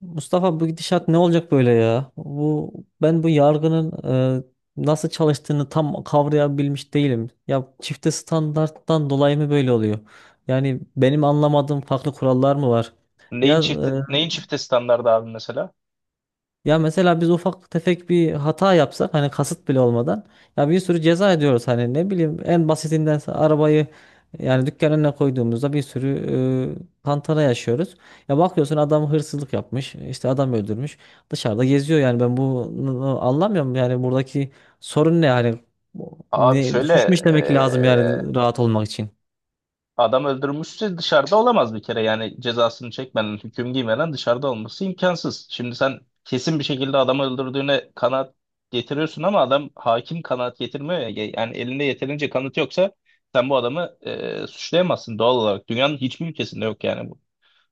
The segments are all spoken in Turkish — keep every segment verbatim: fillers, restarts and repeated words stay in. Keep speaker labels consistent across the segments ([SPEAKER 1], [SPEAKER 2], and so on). [SPEAKER 1] Mustafa, bu gidişat ne olacak böyle ya? Bu ben bu yargının e, nasıl çalıştığını tam kavrayabilmiş değilim. Ya çifte standarttan dolayı mı böyle oluyor? Yani benim anlamadığım farklı kurallar mı var? Ya
[SPEAKER 2] Neyin çift
[SPEAKER 1] e,
[SPEAKER 2] neyin çifte standardı abi mesela?
[SPEAKER 1] ya mesela biz ufak tefek bir hata yapsak, hani kasıt bile olmadan ya, bir sürü ceza ediyoruz. Hani ne bileyim, en basitinden sa- arabayı, yani dükkan önüne koyduğumuzda bir sürü e, tantana yaşıyoruz. Ya bakıyorsun, adam hırsızlık yapmış, işte adam öldürmüş, dışarıda geziyor. Yani ben bunu anlamıyorum. Yani buradaki sorun ne hani? Bu-
[SPEAKER 2] Abi
[SPEAKER 1] ne,
[SPEAKER 2] şöyle
[SPEAKER 1] suç mu işlemek lazım
[SPEAKER 2] eee,
[SPEAKER 1] yani rahat olmak için?
[SPEAKER 2] adam öldürmüşse dışarıda olamaz bir kere yani cezasını çekmeden hüküm giymeden dışarıda olması imkansız. Şimdi sen kesin bir şekilde adamı öldürdüğüne kanaat getiriyorsun ama adam hakim kanaat getirmiyor ya yani elinde yeterince kanıt yoksa sen bu adamı eee, suçlayamazsın doğal olarak dünyanın hiçbir ülkesinde yok yani bu.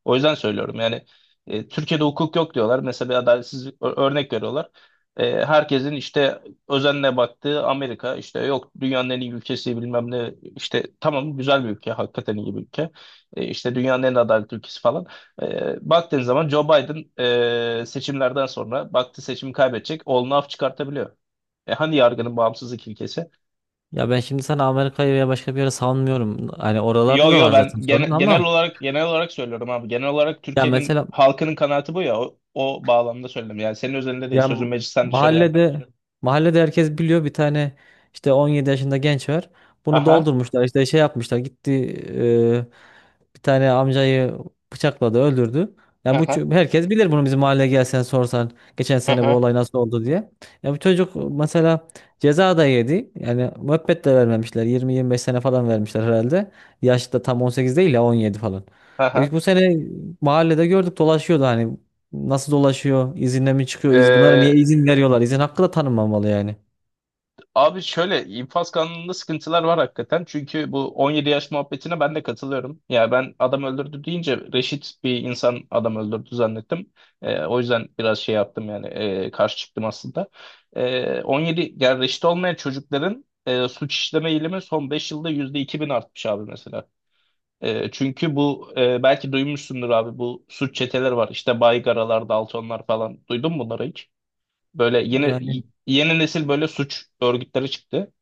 [SPEAKER 2] O yüzden söylüyorum yani e, Türkiye'de hukuk yok diyorlar. Mesela bir adaletsizlik ö- örnek veriyorlar. E, herkesin işte özenle baktığı Amerika işte yok dünyanın en iyi ülkesi bilmem ne işte tamam güzel bir ülke hakikaten iyi bir ülke. E, işte dünyanın en adaletli ülkesi falan. E, baktığın zaman Joe Biden e, seçimlerden sonra baktı seçimi kaybedecek oğlunu af çıkartabiliyor. E, hani yargının bağımsızlık ilkesi?
[SPEAKER 1] Ya ben şimdi sana Amerika'yı veya başka bir yere savunmuyorum. Hani
[SPEAKER 2] Yo
[SPEAKER 1] oralarda da
[SPEAKER 2] yo
[SPEAKER 1] var zaten
[SPEAKER 2] ben
[SPEAKER 1] sorun,
[SPEAKER 2] gene- genel
[SPEAKER 1] ama
[SPEAKER 2] olarak genel olarak söylüyorum abi. Genel olarak
[SPEAKER 1] ya
[SPEAKER 2] Türkiye'nin
[SPEAKER 1] mesela,
[SPEAKER 2] halkının kanaati bu ya. O, o bağlamda söyledim. Yani senin özelinde değil.
[SPEAKER 1] Ya m-
[SPEAKER 2] Sözün meclisten dışarı yani.
[SPEAKER 1] mahallede, mahallede herkes biliyor, bir tane işte on yedi yaşında genç var. Bunu
[SPEAKER 2] Aha.
[SPEAKER 1] doldurmuşlar, işte şey yapmışlar, gitti e, bir tane amcayı bıçakladı, öldürdü. Ya bu
[SPEAKER 2] Aha.
[SPEAKER 1] ço- herkes bilir bunu, bizim mahalleye gelsen sorsan geçen sene bu
[SPEAKER 2] Aha.
[SPEAKER 1] olay nasıl oldu diye. Ya bu çocuk mesela ceza da yedi. Yani müebbet de vermemişler, yirmi yirmi beş sene falan vermişler herhalde. Yaş da tam on sekiz değil ya, on yedi falan. E biz
[SPEAKER 2] Aha.
[SPEAKER 1] bu sene mahallede gördük, dolaşıyordu hani. Nasıl dolaşıyor? İzinle mi çıkıyor? İz, bunlara niye izin veriyorlar? İzin hakkı da tanınmamalı yani.
[SPEAKER 2] Abi şöyle infaz kanununda sıkıntılar var hakikaten. Çünkü bu on yedi yaş muhabbetine ben de katılıyorum. Yani ben adam öldürdü deyince reşit bir insan adam öldürdü zannettim. Ee, o yüzden biraz şey yaptım yani e, karşı çıktım aslında. Ee, on yedi yani reşit olmayan çocukların e, suç işleme eğilimi son beş yılda yüzde iki bin artmış abi mesela. Ee, çünkü bu e, belki duymuşsundur abi bu suç çeteleri var. İşte Baygaralar, Daltonlar falan. Duydun mu bunları hiç? Böyle yeni
[SPEAKER 1] Yani
[SPEAKER 2] yeni nesil böyle suç örgütleri çıktı.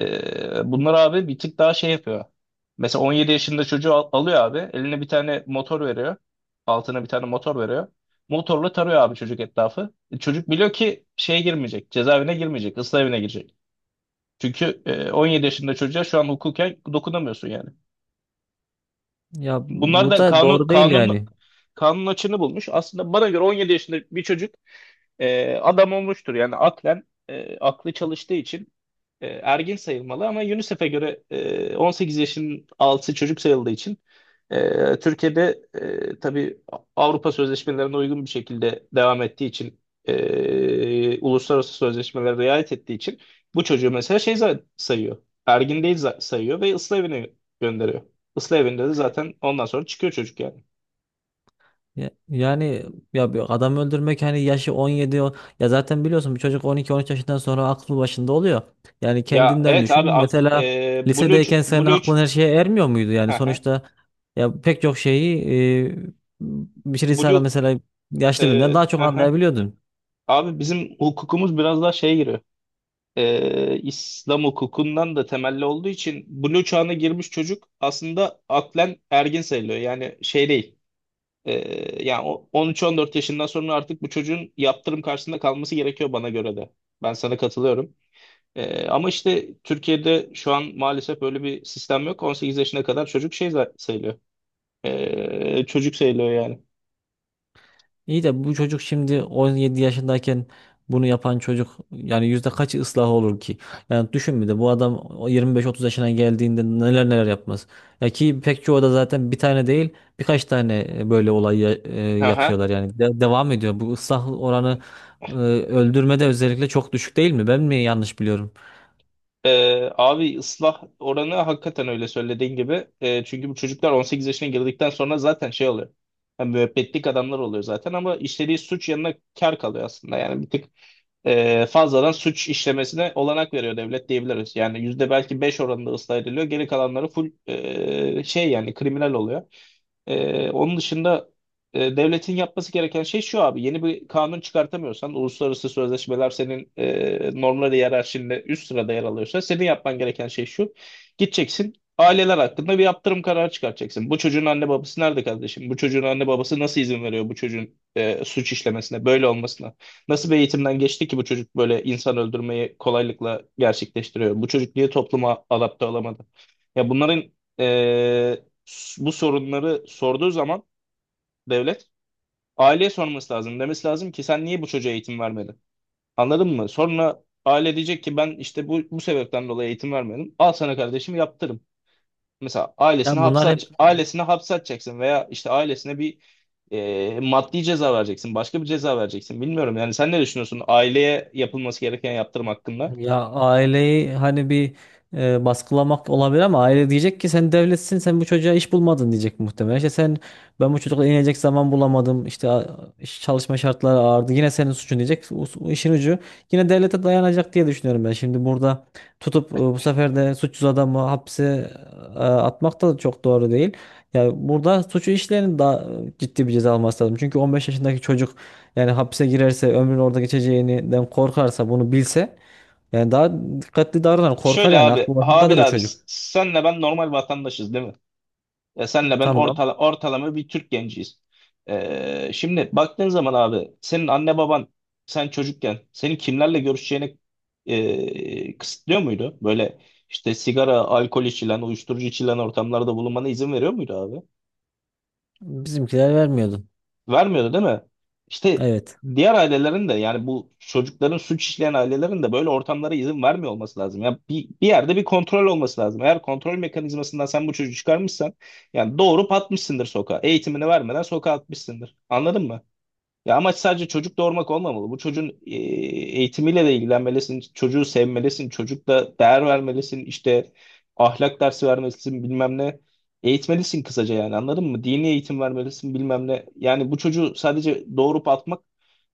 [SPEAKER 2] Ee, bunlar abi bir tık daha şey yapıyor. Mesela on yedi yaşında çocuğu al- alıyor abi. Eline bir tane motor veriyor. Altına bir tane motor veriyor. Motorla tarıyor abi çocuk etrafı. E, Çocuk biliyor ki şeye girmeyecek. Cezaevine girmeyecek. Islah evine girecek. Çünkü e, on yedi yaşında çocuğa şu an hukuken dokunamıyorsun yani.
[SPEAKER 1] ya,
[SPEAKER 2] Bunlar
[SPEAKER 1] bu
[SPEAKER 2] da
[SPEAKER 1] da
[SPEAKER 2] kanun
[SPEAKER 1] doğru değil
[SPEAKER 2] kanun
[SPEAKER 1] yani.
[SPEAKER 2] kanun açığını bulmuş. Aslında bana göre on yedi yaşında bir çocuk e, adam olmuştur. Yani aklen e, aklı çalıştığı için e, ergin sayılmalı ama UNICEF'e göre e, on sekiz yaşın altı çocuk sayıldığı için e, Türkiye'de e, tabii Avrupa sözleşmelerine uygun bir şekilde devam ettiği için e, uluslararası sözleşmelere riayet ettiği için bu çocuğu mesela şey za- sayıyor. Ergin değil za- sayıyor ve ıslah evine gönderiyor. Islah evinde de zaten ondan sonra çıkıyor çocuk yani.
[SPEAKER 1] Ya- Yani ya bir adam öldürmek, hani yaşı on yedi o- ya zaten biliyorsun, bir çocuk on iki on üç yaşından sonra aklı başında oluyor. Yani
[SPEAKER 2] Ya
[SPEAKER 1] kendinden
[SPEAKER 2] evet abi
[SPEAKER 1] düşün.
[SPEAKER 2] ak-
[SPEAKER 1] Mesela
[SPEAKER 2] e, Blue ç-
[SPEAKER 1] lisedeyken senin
[SPEAKER 2] Blue ç-
[SPEAKER 1] aklın her şeye ermiyor muydu? Yani
[SPEAKER 2] hı hı.
[SPEAKER 1] sonuçta ya pek çok şeyi, e, bir şey sana
[SPEAKER 2] Blue
[SPEAKER 1] mesela yaşlı birinden
[SPEAKER 2] e,
[SPEAKER 1] daha çok
[SPEAKER 2] hı hı.
[SPEAKER 1] anlayabiliyordun.
[SPEAKER 2] Abi bizim hukukumuz biraz daha şeye giriyor. e, İslam hukukundan da temelli olduğu için blue çağına girmiş çocuk aslında aklen ergin sayılıyor. Yani şey değil. E, yani o- on üç on dört yaşından sonra artık bu çocuğun yaptırım karşısında kalması gerekiyor bana göre de. Ben sana katılıyorum. E, ama işte Türkiye'de şu an maalesef böyle bir sistem yok. on sekiz yaşına kadar çocuk şey za- sayılıyor. Ee, çocuk sayılıyor yani.
[SPEAKER 1] İyi de bu çocuk şimdi on yedi yaşındayken, bunu yapan çocuk yani yüzde kaçı ıslah olur ki? Yani düşün, bir de bu adam o yirmi beş otuz yaşına geldiğinde neler neler yapmaz. Ya ki pek çoğu da zaten bir tane değil, birkaç tane e, böyle olay ya- e,
[SPEAKER 2] Aha.
[SPEAKER 1] yapıyorlar yani. De- devam ediyor. Bu ıslah oranı e, öldürmede özellikle çok düşük değil mi? Ben mi yanlış biliyorum?
[SPEAKER 2] Ee, abi ıslah oranı hakikaten öyle söylediğin gibi. Ee, çünkü bu çocuklar on sekiz yaşına girdikten sonra zaten şey oluyor. Yani müebbetlik adamlar oluyor zaten ama işlediği suç yanına kar kalıyor aslında. Yani bir tık e, fazladan suç işlemesine olanak veriyor devlet diyebiliriz. Yani yüzde belki beş oranında ıslah ediliyor. Geri kalanları full e, şey yani kriminal oluyor. Ee, onun dışında e, devletin yapması gereken şey şu abi. Yeni bir kanun çıkartamıyorsan, uluslararası sözleşmeler senin e, normları hiyerarşinde üst sırada yer alıyorsa senin yapman gereken şey şu. Gideceksin aileler hakkında bir yaptırım kararı çıkartacaksın. Bu çocuğun anne babası nerede kardeşim? Bu çocuğun anne babası nasıl izin veriyor bu çocuğun e, suç işlemesine, böyle olmasına? Nasıl bir eğitimden geçti ki bu çocuk böyle insan öldürmeyi kolaylıkla gerçekleştiriyor? Bu çocuk niye topluma adapte olamadı? Ya bunların e, s- bu sorunları sorduğu zaman devlet aileye sorması lazım. Demesi lazım ki sen niye bu çocuğa eğitim vermedin? Anladın mı? Sonra aile diyecek ki ben işte bu, bu sebepten dolayı eğitim vermedim. Al sana kardeşim yaptır. Mesela
[SPEAKER 1] Ya
[SPEAKER 2] ailesini hapse
[SPEAKER 1] bunlar
[SPEAKER 2] at,
[SPEAKER 1] hep.
[SPEAKER 2] ailesini hapse atacaksın veya işte ailesine bir e, maddi ceza vereceksin, başka bir ceza vereceksin. Bilmiyorum yani sen ne düşünüyorsun aileye yapılması gereken yaptırım hakkında?
[SPEAKER 1] Ya aileyi hani bir e, baskılamak olabilir, ama aile diyecek ki sen devletsin, sen bu çocuğa iş bulmadın, diyecek muhtemelen. İşte sen, ben bu çocukla inecek zaman bulamadım, işte a- iş- çalışma şartları ağırdı, yine senin suçun diyecek. O, o işin ucu yine devlete dayanacak diye düşünüyorum ben. Şimdi burada tutup e, bu sefer de suçsuz adamı hapse e, atmak da çok doğru değil. Ya burada suçu işleyenin daha e, ciddi bir ceza alması lazım. Çünkü on beş yaşındaki çocuk yani hapse girerse ömrünü orada geçeceğinden korkarsa, bunu bilse, yani daha dikkatli davranan korkar,
[SPEAKER 2] Şöyle
[SPEAKER 1] yani
[SPEAKER 2] abi,
[SPEAKER 1] aklı başındadır o
[SPEAKER 2] Habil abi
[SPEAKER 1] çocuk.
[SPEAKER 2] s- senle ben normal vatandaşız değil mi? Ya senle ben
[SPEAKER 1] Tamam.
[SPEAKER 2] ortala, ortalama bir Türk genciyiz. Ee, şimdi baktığın zaman abi senin anne baban sen çocukken senin kimlerle görüşeceğini e, kısıtlıyor muydu? Böyle işte sigara, alkol içilen, uyuşturucu içilen ortamlarda bulunmana izin veriyor muydu abi?
[SPEAKER 1] Bizimkiler vermiyordu.
[SPEAKER 2] Vermiyordu değil mi? İşte
[SPEAKER 1] Evet.
[SPEAKER 2] diğer ailelerin de yani bu çocukların suç işleyen ailelerin de böyle ortamlara izin vermiyor olması lazım. Ya bir, bir yerde bir kontrol olması lazım. Eğer kontrol mekanizmasından sen bu çocuğu çıkarmışsan yani doğurup atmışsındır sokağa. Eğitimini vermeden sokağa atmışsındır. Anladın mı? Ya amaç sadece çocuk doğurmak olmamalı. Bu çocuğun e, eğitimiyle de ilgilenmelisin, çocuğu sevmelisin, çocukla değer vermelisin, işte ahlak dersi vermelisin, bilmem ne. Eğitmelisin kısaca yani anladın mı? Dini eğitim vermelisin, bilmem ne. Yani bu çocuğu sadece doğurup atmak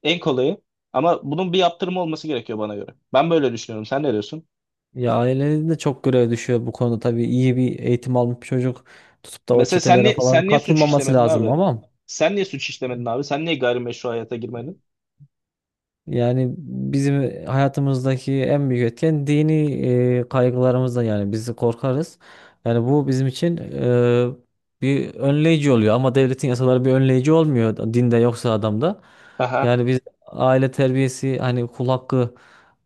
[SPEAKER 2] en kolayı. Ama bunun bir yaptırımı olması gerekiyor bana göre. Ben böyle düşünüyorum. Sen ne diyorsun?
[SPEAKER 1] Ya ailenin de çok görev düşüyor bu konuda tabii. İyi bir eğitim almış bir çocuk tutup da o
[SPEAKER 2] Mesela sen
[SPEAKER 1] çetelere
[SPEAKER 2] niye,
[SPEAKER 1] falan
[SPEAKER 2] sen niye suç
[SPEAKER 1] katılmaması
[SPEAKER 2] işlemedin
[SPEAKER 1] lazım,
[SPEAKER 2] abi?
[SPEAKER 1] ama
[SPEAKER 2] Sen niye suç işlemedin abi? Sen niye gayrimeşru hayata girmedin?
[SPEAKER 1] yani bizim hayatımızdaki en büyük etken dini e, kaygılarımızdan, yani biz korkarız. Yani bu bizim için e, bir önleyici oluyor, ama devletin yasaları bir önleyici olmuyor. Da- dinde yoksa adamda.
[SPEAKER 2] Aha.
[SPEAKER 1] Yani biz aile terbiyesi, hani kul hakkı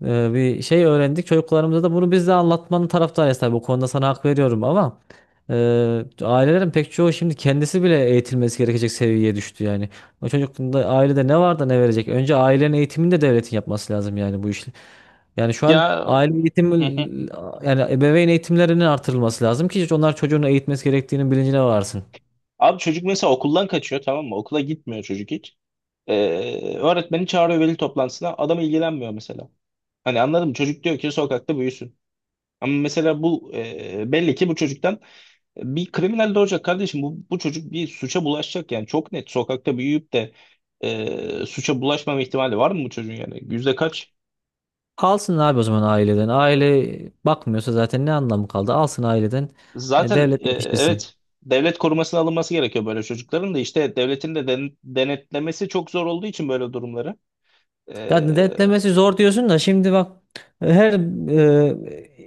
[SPEAKER 1] e, bir şey öğrendik. Çocuklarımıza da bunu biz de anlatmanın taraftarıyız tabii. Bu konuda sana hak veriyorum, ama e, ailelerin pek çoğu şimdi kendisi bile eğitilmesi gerekecek seviyeye düştü yani. O çocuk da ailede ne var da ne verecek? Önce ailenin eğitimini de devletin yapması lazım, yani bu işi. Yani şu an
[SPEAKER 2] Ya
[SPEAKER 1] aile eğitimi,
[SPEAKER 2] hı hı.
[SPEAKER 1] yani ebeveyn eğitimlerinin artırılması lazım ki onlar çocuğunu eğitmesi gerektiğinin bilincine varsın.
[SPEAKER 2] Abi çocuk mesela okuldan kaçıyor tamam mı? Okula gitmiyor çocuk hiç. Ee, öğretmeni çağırıyor veli toplantısına. Adam ilgilenmiyor mesela. Hani anladım çocuk diyor ki sokakta büyüsün. Ama mesela bu e, belli ki bu çocuktan bir kriminal de olacak kardeşim bu, bu çocuk bir suça bulaşacak yani çok net sokakta büyüyüp de e, suça bulaşmama ihtimali var mı bu çocuğun yani yüzde kaç?
[SPEAKER 1] Alsın abi o zaman aileden. Aile bakmıyorsa zaten ne anlamı kaldı? Alsın aileden. e,
[SPEAKER 2] Zaten
[SPEAKER 1] Devlet
[SPEAKER 2] e,
[SPEAKER 1] yetiştirsin.
[SPEAKER 2] evet devlet korumasına alınması gerekiyor böyle çocukların da işte devletin de den- denetlemesi çok zor olduğu için böyle durumları.
[SPEAKER 1] Ya
[SPEAKER 2] E,
[SPEAKER 1] denetlemesi zor diyorsun da şimdi bak, her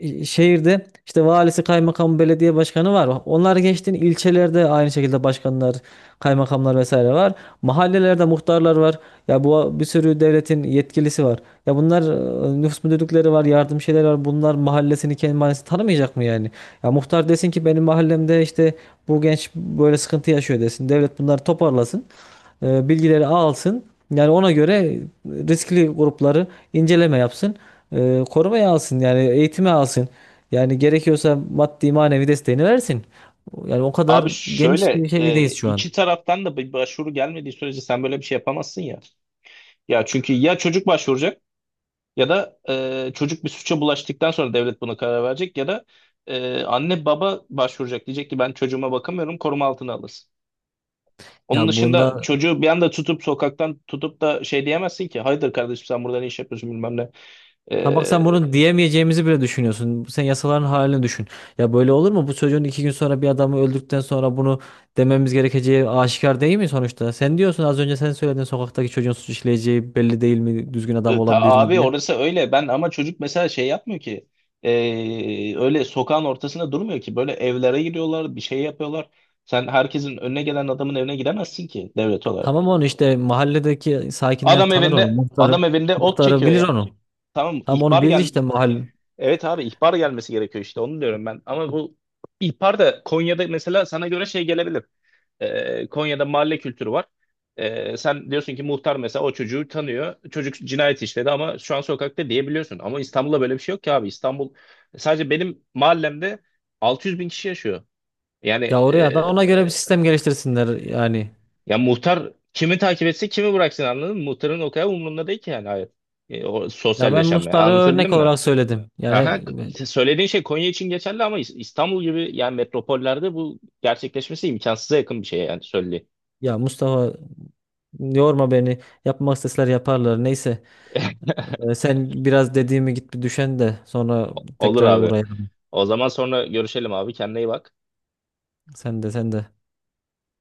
[SPEAKER 1] e, şehirde işte valisi, kaymakamı, belediye başkanı var. Onlar geçtin, ilçelerde aynı şekilde başkanlar, kaymakamlar vesaire var. Mahallelerde muhtarlar var. Ya bu bir sürü devletin yetkilisi var. Ya bunlar, e, nüfus müdürlükleri var, yardım şeyler var. Bunlar mahallesini, kendi mahallesini tanımayacak mı yani? Ya muhtar desin ki benim mahallemde işte bu genç böyle sıkıntı yaşıyor, desin. Devlet bunları toparlasın, e, bilgileri alsın. Yani ona göre riskli grupları inceleme yapsın. E, korumaya alsın, yani eğitime alsın. Yani gerekiyorsa maddi manevi desteğini versin. Yani o kadar
[SPEAKER 2] Abi
[SPEAKER 1] geniş
[SPEAKER 2] şöyle
[SPEAKER 1] bir
[SPEAKER 2] e,
[SPEAKER 1] şeydeyiz şu an.
[SPEAKER 2] iki taraftan da bir başvuru gelmediği sürece sen böyle bir şey yapamazsın ya. Ya çünkü ya çocuk başvuracak ya da e, çocuk bir suça bulaştıktan sonra devlet buna karar verecek ya da e, anne baba başvuracak diyecek ki ben çocuğuma bakamıyorum koruma altına alırsın.
[SPEAKER 1] Ya
[SPEAKER 2] Onun
[SPEAKER 1] bunda,
[SPEAKER 2] dışında çocuğu bir anda tutup sokaktan tutup da şey diyemezsin ki hayırdır kardeşim sen burada ne iş yapıyorsun bilmem ne.
[SPEAKER 1] ha bak, sen
[SPEAKER 2] E,
[SPEAKER 1] bunu diyemeyeceğimizi bile düşünüyorsun. Sen yasaların halini düşün. Ya böyle olur mu? Bu çocuğun iki gün sonra bir adamı öldükten sonra bunu dememiz gerekeceği aşikar değil mi sonuçta? Sen diyorsun, az önce sen söyledin, sokaktaki çocuğun suç işleyeceği belli değil mi, düzgün adam
[SPEAKER 2] e, ta,
[SPEAKER 1] olabilir mi
[SPEAKER 2] Abi
[SPEAKER 1] diye.
[SPEAKER 2] orası öyle ben ama çocuk mesela şey yapmıyor ki e, öyle sokağın ortasında durmuyor ki böyle evlere giriyorlar bir şey yapıyorlar. Sen herkesin önüne gelen adamın evine gidemezsin ki devlet olarak.
[SPEAKER 1] Tamam, onu işte mahalledeki sakinler
[SPEAKER 2] Adam
[SPEAKER 1] tanır onu.
[SPEAKER 2] evinde adam
[SPEAKER 1] Muhtarı,
[SPEAKER 2] evinde ot
[SPEAKER 1] muhtarı
[SPEAKER 2] çekiyor
[SPEAKER 1] bilir
[SPEAKER 2] ya.
[SPEAKER 1] onu.
[SPEAKER 2] Tamam,
[SPEAKER 1] Tam onu
[SPEAKER 2] ihbar
[SPEAKER 1] bilir
[SPEAKER 2] gel.
[SPEAKER 1] işte mahalle.
[SPEAKER 2] Evet abi ihbar gelmesi gerekiyor işte onu diyorum ben. Ama bu ihbar da Konya'da mesela sana göre şey gelebilir. Ee, Konya'da mahalle kültürü var. Ee, sen diyorsun ki muhtar mesela o çocuğu tanıyor. Çocuk cinayet işledi ama şu an sokakta diyebiliyorsun. Ama İstanbul'da böyle bir şey yok ki abi. İstanbul sadece benim mahallemde altı yüz bin kişi yaşıyor. Yani
[SPEAKER 1] Ya oraya
[SPEAKER 2] e,
[SPEAKER 1] da ona göre bir sistem geliştirsinler yani.
[SPEAKER 2] ya muhtar kimi takip etse kimi bıraksın anladın mı? Muhtarın o kadar umurunda değil ki yani hayır. E, o
[SPEAKER 1] Ya ben
[SPEAKER 2] sosyalleşme
[SPEAKER 1] Mustafa'ya
[SPEAKER 2] anlatabildim
[SPEAKER 1] örnek
[SPEAKER 2] mi?
[SPEAKER 1] olarak söyledim.
[SPEAKER 2] Aha,
[SPEAKER 1] Yani
[SPEAKER 2] k- işte söylediğin şey Konya için geçerli ama İs- İstanbul gibi yani metropollerde bu gerçekleşmesi imkansıza yakın bir şey yani söylediğin.
[SPEAKER 1] ya Mustafa, yorma beni. Yapmak isteseler yaparlar. Neyse. Ee, sen biraz dediğimi git bir düşen de sonra
[SPEAKER 2] Olur
[SPEAKER 1] tekrar
[SPEAKER 2] abi.
[SPEAKER 1] uğrayalım.
[SPEAKER 2] O zaman sonra görüşelim abi. Kendine iyi bak.
[SPEAKER 1] Sen de, sen de.